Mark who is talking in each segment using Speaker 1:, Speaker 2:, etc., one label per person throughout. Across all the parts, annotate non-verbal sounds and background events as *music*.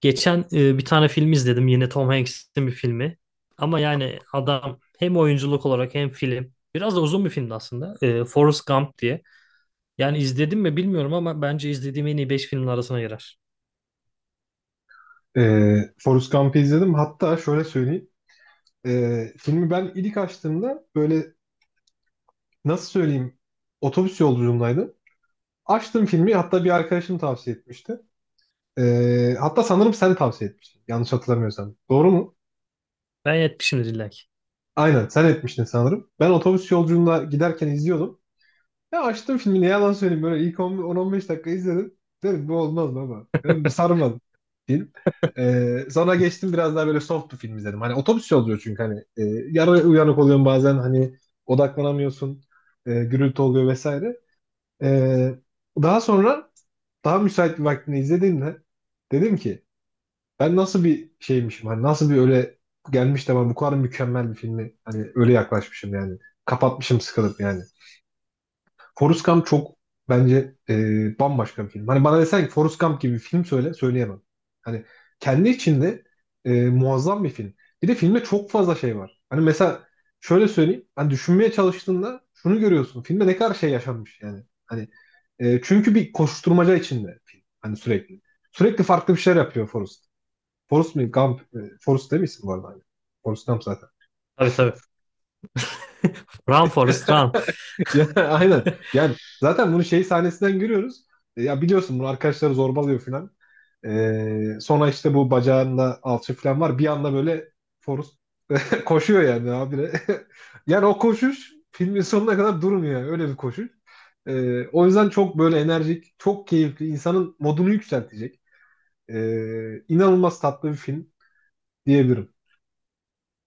Speaker 1: Geçen bir tane film izledim. Yine Tom Hanks'in bir filmi. Ama yani adam hem oyunculuk olarak hem film. Biraz da uzun bir filmdi aslında. Forrest Gump diye. Yani izledim mi bilmiyorum ama bence izlediğim en iyi 5 filmin arasına girer.
Speaker 2: Forrest Gump'ı izledim. Hatta şöyle söyleyeyim. Filmi ben ilk açtığımda böyle, nasıl söyleyeyim, otobüs yolculuğundaydım. Açtım filmi, hatta bir arkadaşım tavsiye etmişti. Hatta sanırım sen tavsiye etmiştin. Yanlış hatırlamıyorsam. Doğru mu?
Speaker 1: Ben yetmişimdir illa ki.
Speaker 2: Aynen, sen etmiştin sanırım. Ben otobüs yolculuğunda giderken izliyordum. Ya, açtım filmi, ne yalan söyleyeyim, böyle ilk 10 10-15 dakika izledim. Dedim bu olmaz baba. Dedim bu sarmadı film. Sonra geçtim, biraz daha böyle soft bir film izledim. Hani otobüs yolculuğu çünkü hani yarı uyanık oluyorsun bazen, hani odaklanamıyorsun. Gürültü oluyor vesaire. Ee, daha sonra daha müsait bir vaktini izlediğimde dedim ki, ben nasıl bir şeymişim, hani nasıl bir öyle gelmiş de ben bu kadar mükemmel bir filmi hani öyle yaklaşmışım yani. Kapatmışım sıkılıp yani. Forrest Gump çok, bence bambaşka bir film. Hani bana desen ki Forrest Gump gibi bir film söyle, söyleyemem. Hani kendi içinde muazzam bir film. Bir de filmde çok fazla şey var. Hani mesela şöyle söyleyeyim. Hani düşünmeye çalıştığında şunu görüyorsun. Filmde ne kadar şey yaşanmış yani. Hani çünkü bir koşuşturmaca içinde film. Hani sürekli. Sürekli farklı bir şeyler yapıyor Forrest. Forrest mi? Gump. Forrest değil misin bu arada? Hani? Forrest Gump zaten.
Speaker 1: Tabii tabii. *laughs* Run Forrest Run.
Speaker 2: Ya, *laughs* aynen. Yani
Speaker 1: *laughs*
Speaker 2: zaten bunu şey sahnesinden görüyoruz. Ya biliyorsun, bunu arkadaşları zorbalıyor falan. E, sonra işte bu bacağında alçı falan var. Bir anda böyle Forrest *laughs* koşuyor yani abi. *laughs* Yani o koşuş filmin sonuna kadar durmuyor yani. Öyle bir koşuş. E, o yüzden çok böyle enerjik, çok keyifli, insanın modunu yükseltecek. İnanılmaz tatlı bir film diyebilirim.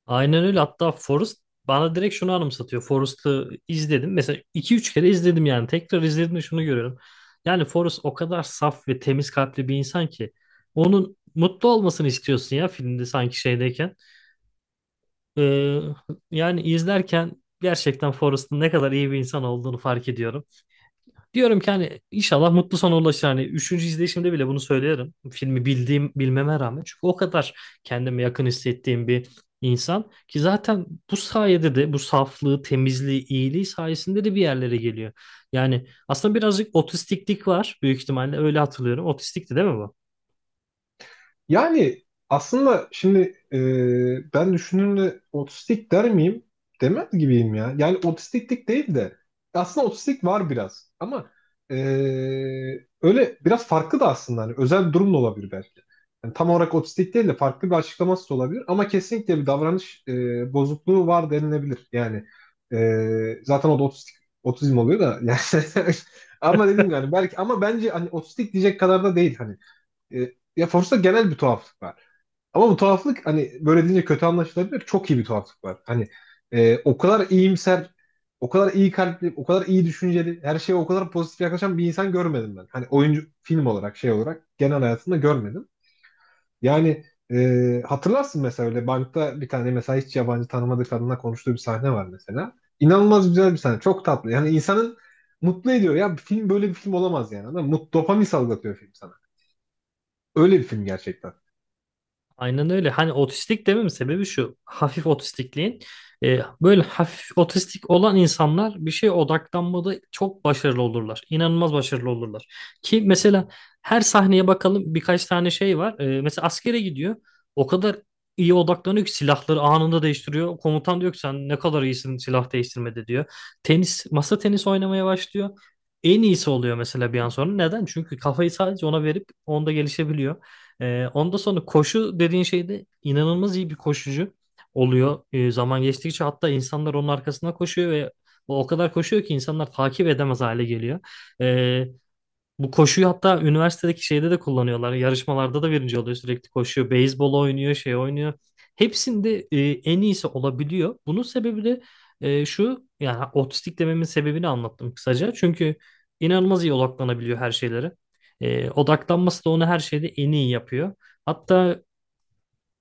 Speaker 1: Aynen öyle. Hatta Forrest bana direkt şunu anımsatıyor. Forrest'ı izledim. Mesela iki üç kere izledim yani. Tekrar izledim izlediğimde şunu görüyorum. Yani Forrest o kadar saf ve temiz kalpli bir insan ki. Onun mutlu olmasını istiyorsun ya filmde sanki şeydeyken. Ee, yani izlerken gerçekten Forrest'ın ne kadar iyi bir insan olduğunu fark ediyorum. Diyorum ki hani inşallah mutlu sona ulaşır. Hani üçüncü izleyişimde bile bunu söylerim. Filmi bildiğim bilmeme rağmen. Çünkü o kadar kendime yakın hissettiğim bir insan ki zaten bu sayede de bu saflığı, temizliği, iyiliği sayesinde de bir yerlere geliyor. Yani aslında birazcık otistiklik var büyük ihtimalle öyle hatırlıyorum. Otistikti değil mi bu?
Speaker 2: Yani aslında şimdi ben düşününce otistik der miyim? Demez gibiyim ya. Yani otistiklik değil de, aslında otistik var biraz ama, e, öyle biraz farklı da aslında, hani özel bir durum da olabilir belki. Yani tam olarak otistik değil de, farklı bir açıklaması da olabilir ama kesinlikle bir davranış, bozukluğu var denilebilir. Yani zaten o da otizm oluyor da *laughs* yani. Ama dedim yani, belki, ama bence hani otistik diyecek kadar da değil hani. Ya Force'da genel bir tuhaflık var. Ama bu tuhaflık hani böyle deyince kötü anlaşılabilir. Çok iyi bir tuhaflık var. Hani o kadar iyimser, o kadar iyi kalpli, o kadar iyi düşünceli, her şeye o kadar pozitif yaklaşan bir insan görmedim ben. Hani oyuncu film olarak, şey olarak, genel hayatımda görmedim. Yani hatırlarsın mesela, öyle bankta bir tane mesela hiç yabancı tanımadığı kadınla konuştuğu bir sahne var mesela. İnanılmaz güzel bir sahne. Çok tatlı. Yani insanın mutlu ediyor. Ya bir film böyle bir film olamaz yani. Anladın mı? Mut, dopamin salgılatıyor film sana. Öyle bir film gerçekten.
Speaker 1: Aynen öyle. Hani otistik dememin sebebi şu. Hafif otistikliğin. Böyle hafif otistik olan insanlar bir şeye odaklanmada çok başarılı olurlar. İnanılmaz başarılı olurlar. Ki mesela her sahneye bakalım birkaç tane şey var. Mesela askere gidiyor. O kadar iyi odaklanıyor ki silahları anında değiştiriyor. Komutan diyor ki sen ne kadar iyisin silah değiştirmede diyor. Tenis, masa tenisi oynamaya başlıyor. En iyisi oluyor mesela bir an sonra. Neden? Çünkü kafayı sadece ona verip onda gelişebiliyor. Onda sonra koşu dediğin şeyde inanılmaz iyi bir koşucu oluyor. Zaman geçtikçe hatta insanlar onun arkasına koşuyor ve o kadar koşuyor ki insanlar takip edemez hale geliyor. Ee, bu koşuyu hatta üniversitedeki şeyde de kullanıyorlar. Yarışmalarda da birinci oluyor sürekli koşuyor. Beyzbol oynuyor, şey oynuyor. Hepsinde en iyisi olabiliyor. Bunun sebebi de şu yani otistik dememin sebebini anlattım kısaca. Çünkü inanılmaz iyi odaklanabiliyor her şeylere. Odaklanması da onu her şeyde en iyi yapıyor. Hatta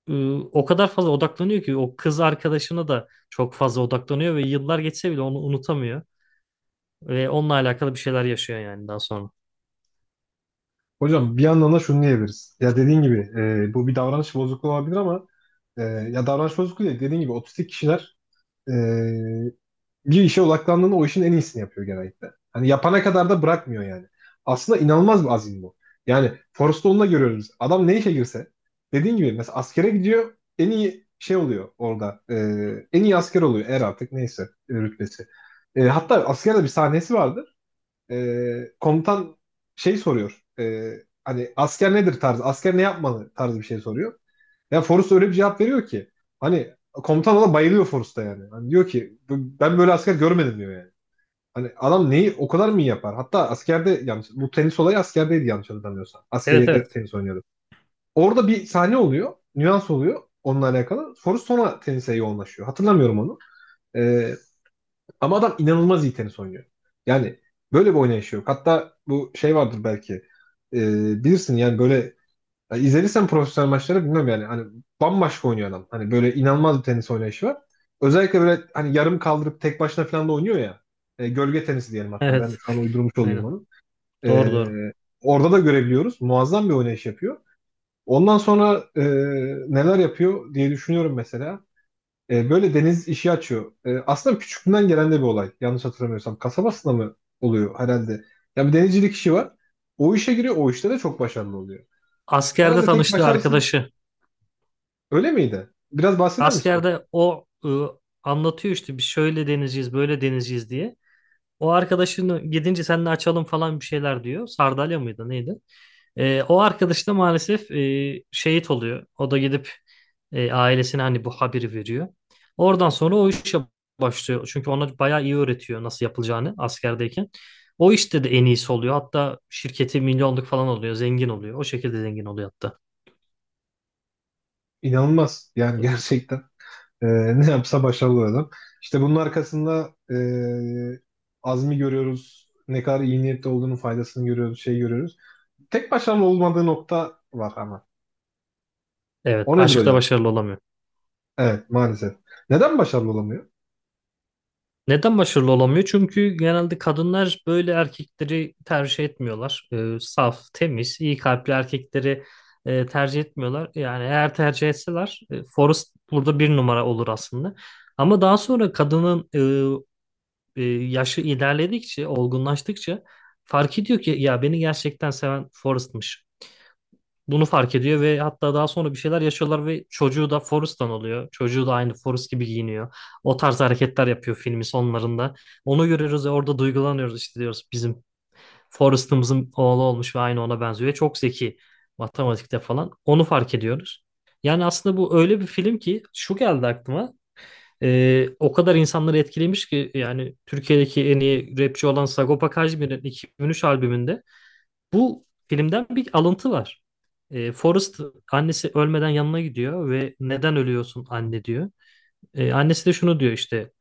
Speaker 1: o kadar fazla odaklanıyor ki o kız arkadaşına da çok fazla odaklanıyor ve yıllar geçse bile onu unutamıyor. Ve onunla alakalı bir şeyler yaşıyor yani daha sonra.
Speaker 2: Hocam bir yandan da şunu diyebiliriz. Ya dediğin gibi bu bir davranış bozukluğu olabilir ama, ya davranış bozukluğu değil. Dediğin gibi otistik kişiler e, bir işe odaklandığında o işin en iyisini yapıyor genellikle. Hani yapana kadar da bırakmıyor yani. Aslında inanılmaz bir azim bu. Yani Forrest Gump'ta görüyoruz. Adam ne işe girse, dediğin gibi, mesela askere gidiyor, en iyi şey oluyor orada. En iyi asker oluyor, er artık neyse rütbesi. E, hatta askerde bir sahnesi vardı. Komutan şey soruyor. Hani asker nedir tarzı, asker ne yapmalı tarzı bir şey soruyor. Ya Forrest öyle bir cevap veriyor ki, hani komutan ona bayılıyor Forrest'a yani. Hani diyor ki ben böyle asker görmedim diyor yani. Hani adam neyi o kadar mı iyi yapar? Hatta askerde, yanlış, bu tenis olayı askerdeydi yanlış hatırlamıyorsam.
Speaker 1: Evet
Speaker 2: Askeriyede
Speaker 1: evet.
Speaker 2: tenis oynuyordu. Orada bir sahne oluyor, nüans oluyor onunla alakalı. Forrest sonra tenise yoğunlaşıyor. Hatırlamıyorum onu. Ee, ama adam inanılmaz iyi tenis oynuyor. Yani böyle bir oynayışı yok. Hatta bu şey vardır belki. Bilirsin yani böyle, ya izlediysen profesyonel maçları bilmem yani. Hani bambaşka oynuyor adam. Hani böyle inanılmaz bir tenis oynayışı var. Özellikle böyle hani yarım kaldırıp tek başına falan da oynuyor ya. Gölge tenisi diyelim
Speaker 1: *laughs*
Speaker 2: hatta. Ben de
Speaker 1: Evet.
Speaker 2: şu an uydurmuş olayım
Speaker 1: Aynen.
Speaker 2: onu. Ee,
Speaker 1: Doğru doğru.
Speaker 2: orada da görebiliyoruz. Muazzam bir oynayış yapıyor. Ondan sonra neler yapıyor diye düşünüyorum mesela. E, böyle deniz işi açıyor. E, aslında küçüklüğünden gelen de bir olay. Yanlış hatırlamıyorsam. Kasabasında mı oluyor herhalde? Ya, bir denizcilik işi var. O işe giriyor. O işte de çok başarılı oluyor.
Speaker 1: Askerde
Speaker 2: Herhalde tek
Speaker 1: tanıştığı
Speaker 2: başarısı
Speaker 1: arkadaşı.
Speaker 2: öyle miydi? Biraz bahseder misin ondan?
Speaker 1: Askerde o anlatıyor işte biz şöyle denizciyiz, böyle denizciyiz diye. O arkadaşını gidince seninle açalım falan bir şeyler diyor. Sardalya mıydı neydi? O arkadaş da maalesef şehit oluyor. O da gidip ailesine hani bu haberi veriyor. Oradan sonra o işe başlıyor. Çünkü ona bayağı iyi öğretiyor nasıl yapılacağını askerdeyken. O işte de en iyisi oluyor. Hatta şirketi milyonluk falan oluyor. Zengin oluyor. O şekilde zengin oluyor hatta.
Speaker 2: İnanılmaz. Yani *laughs* gerçekten e, ne yapsa başarılı adam. İşte bunun arkasında azmi görüyoruz. Ne kadar iyi niyetli olduğunun faydasını görüyoruz. Şey görüyoruz. Tek başarılı olmadığı nokta var ama.
Speaker 1: Evet.
Speaker 2: O nedir
Speaker 1: Aşkta
Speaker 2: hocam?
Speaker 1: başarılı olamıyor.
Speaker 2: Evet, maalesef. Neden başarılı olamıyor?
Speaker 1: Neden başarılı olamıyor? Çünkü genelde kadınlar böyle erkekleri tercih etmiyorlar. Saf, temiz, iyi kalpli erkekleri tercih etmiyorlar. Yani eğer tercih etseler Forrest burada bir numara olur aslında. Ama daha sonra kadının yaşı ilerledikçe, olgunlaştıkça fark ediyor ki ya beni gerçekten seven Forrest'mış. Bunu fark ediyor ve hatta daha sonra bir şeyler yaşıyorlar ve çocuğu da Forrest'tan oluyor. Çocuğu da aynı Forrest gibi giyiniyor. O tarz hareketler yapıyor filmin sonlarında. Onu görüyoruz ve orada duygulanıyoruz işte diyoruz bizim Forrest'ımızın oğlu olmuş ve aynı ona benziyor. Ve çok zeki matematikte falan. Onu fark ediyoruz. Yani aslında bu öyle bir film ki şu geldi aklıma. O kadar insanları etkilemiş ki yani Türkiye'deki en iyi rapçi olan Sagopa Kajmer'in 2003 albümünde bu filmden bir alıntı var. Forrest annesi ölmeden yanına gidiyor ve neden ölüyorsun anne diyor. Annesi de şunu diyor işte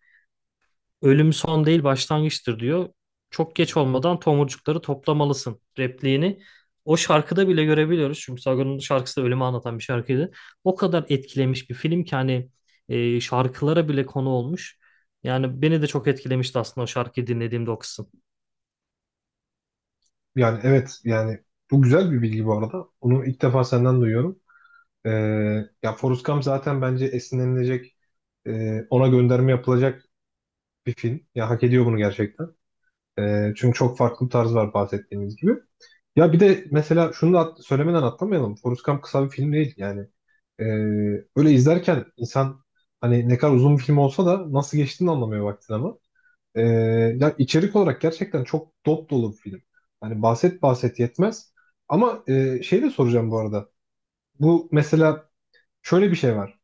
Speaker 1: ölüm son değil başlangıçtır diyor. Çok geç olmadan tomurcukları toplamalısın repliğini. O şarkıda bile görebiliyoruz. Çünkü Sagan'ın şarkısı da ölümü anlatan bir şarkıydı. O kadar etkilemiş bir film ki hani şarkılara bile konu olmuş. Yani beni de çok etkilemişti aslında o şarkıyı dinlediğimde o kısım.
Speaker 2: Yani evet, yani bu güzel bir bilgi bu arada. Onu ilk defa senden duyuyorum. Ee, ya Forrest Gump zaten bence esinlenilecek, ona gönderme yapılacak bir film. Ya hak ediyor bunu gerçekten. Çünkü çok farklı bir tarz var, bahsettiğimiz gibi. Ya bir de mesela şunu da söylemeden atlamayalım. Forrest Gump kısa bir film değil yani. Ee, öyle izlerken insan, hani ne kadar uzun bir film olsa da nasıl geçtiğini anlamıyor vaktin ama. Ee, ya içerik olarak gerçekten çok dop dolu bir film. Hani bahset bahset yetmez. Ama şey de soracağım bu arada. Bu mesela şöyle bir şey var.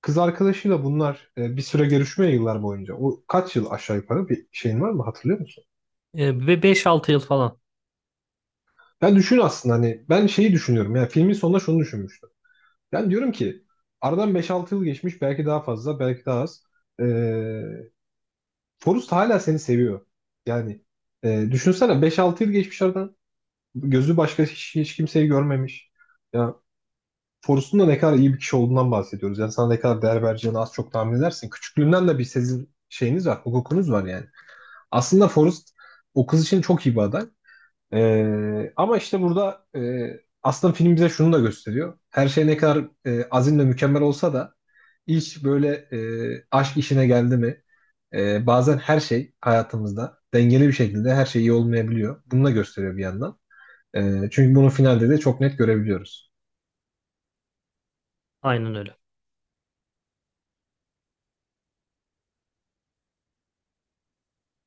Speaker 2: Kız arkadaşıyla bunlar bir süre görüşmüyor yıllar boyunca. O kaç yıl aşağı yukarı, bir şeyin var mı, hatırlıyor musun?
Speaker 1: Ve beş altı yıl falan.
Speaker 2: Ben düşün aslında, hani ben şeyi düşünüyorum. Yani filmin sonunda şunu düşünmüştüm. Ben diyorum ki aradan beş altı yıl geçmiş, belki daha fazla, belki daha az. Ee, Forrest hala seni seviyor. Yani düşünsene 5-6 yıl geçmiş aradan. Gözü başka hiç kimseyi görmemiş. Ya Forrest'un da ne kadar iyi bir kişi olduğundan bahsediyoruz. Yani sana ne kadar değer vereceğini az çok tahmin edersin. Küçüklüğünden de bir sezim şeyiniz var, hukukunuz var yani. Aslında Forrest o kız için çok iyi bir aday. Ama işte burada aslında film bize şunu da gösteriyor. Her şey ne kadar azim mükemmel olsa da, iş böyle, aşk işine geldi mi, bazen her şey hayatımızda dengeli bir şekilde her şey iyi olmayabiliyor. Bunu da gösteriyor bir yandan. Çünkü bunu finalde de çok net görebiliyoruz.
Speaker 1: Aynen öyle.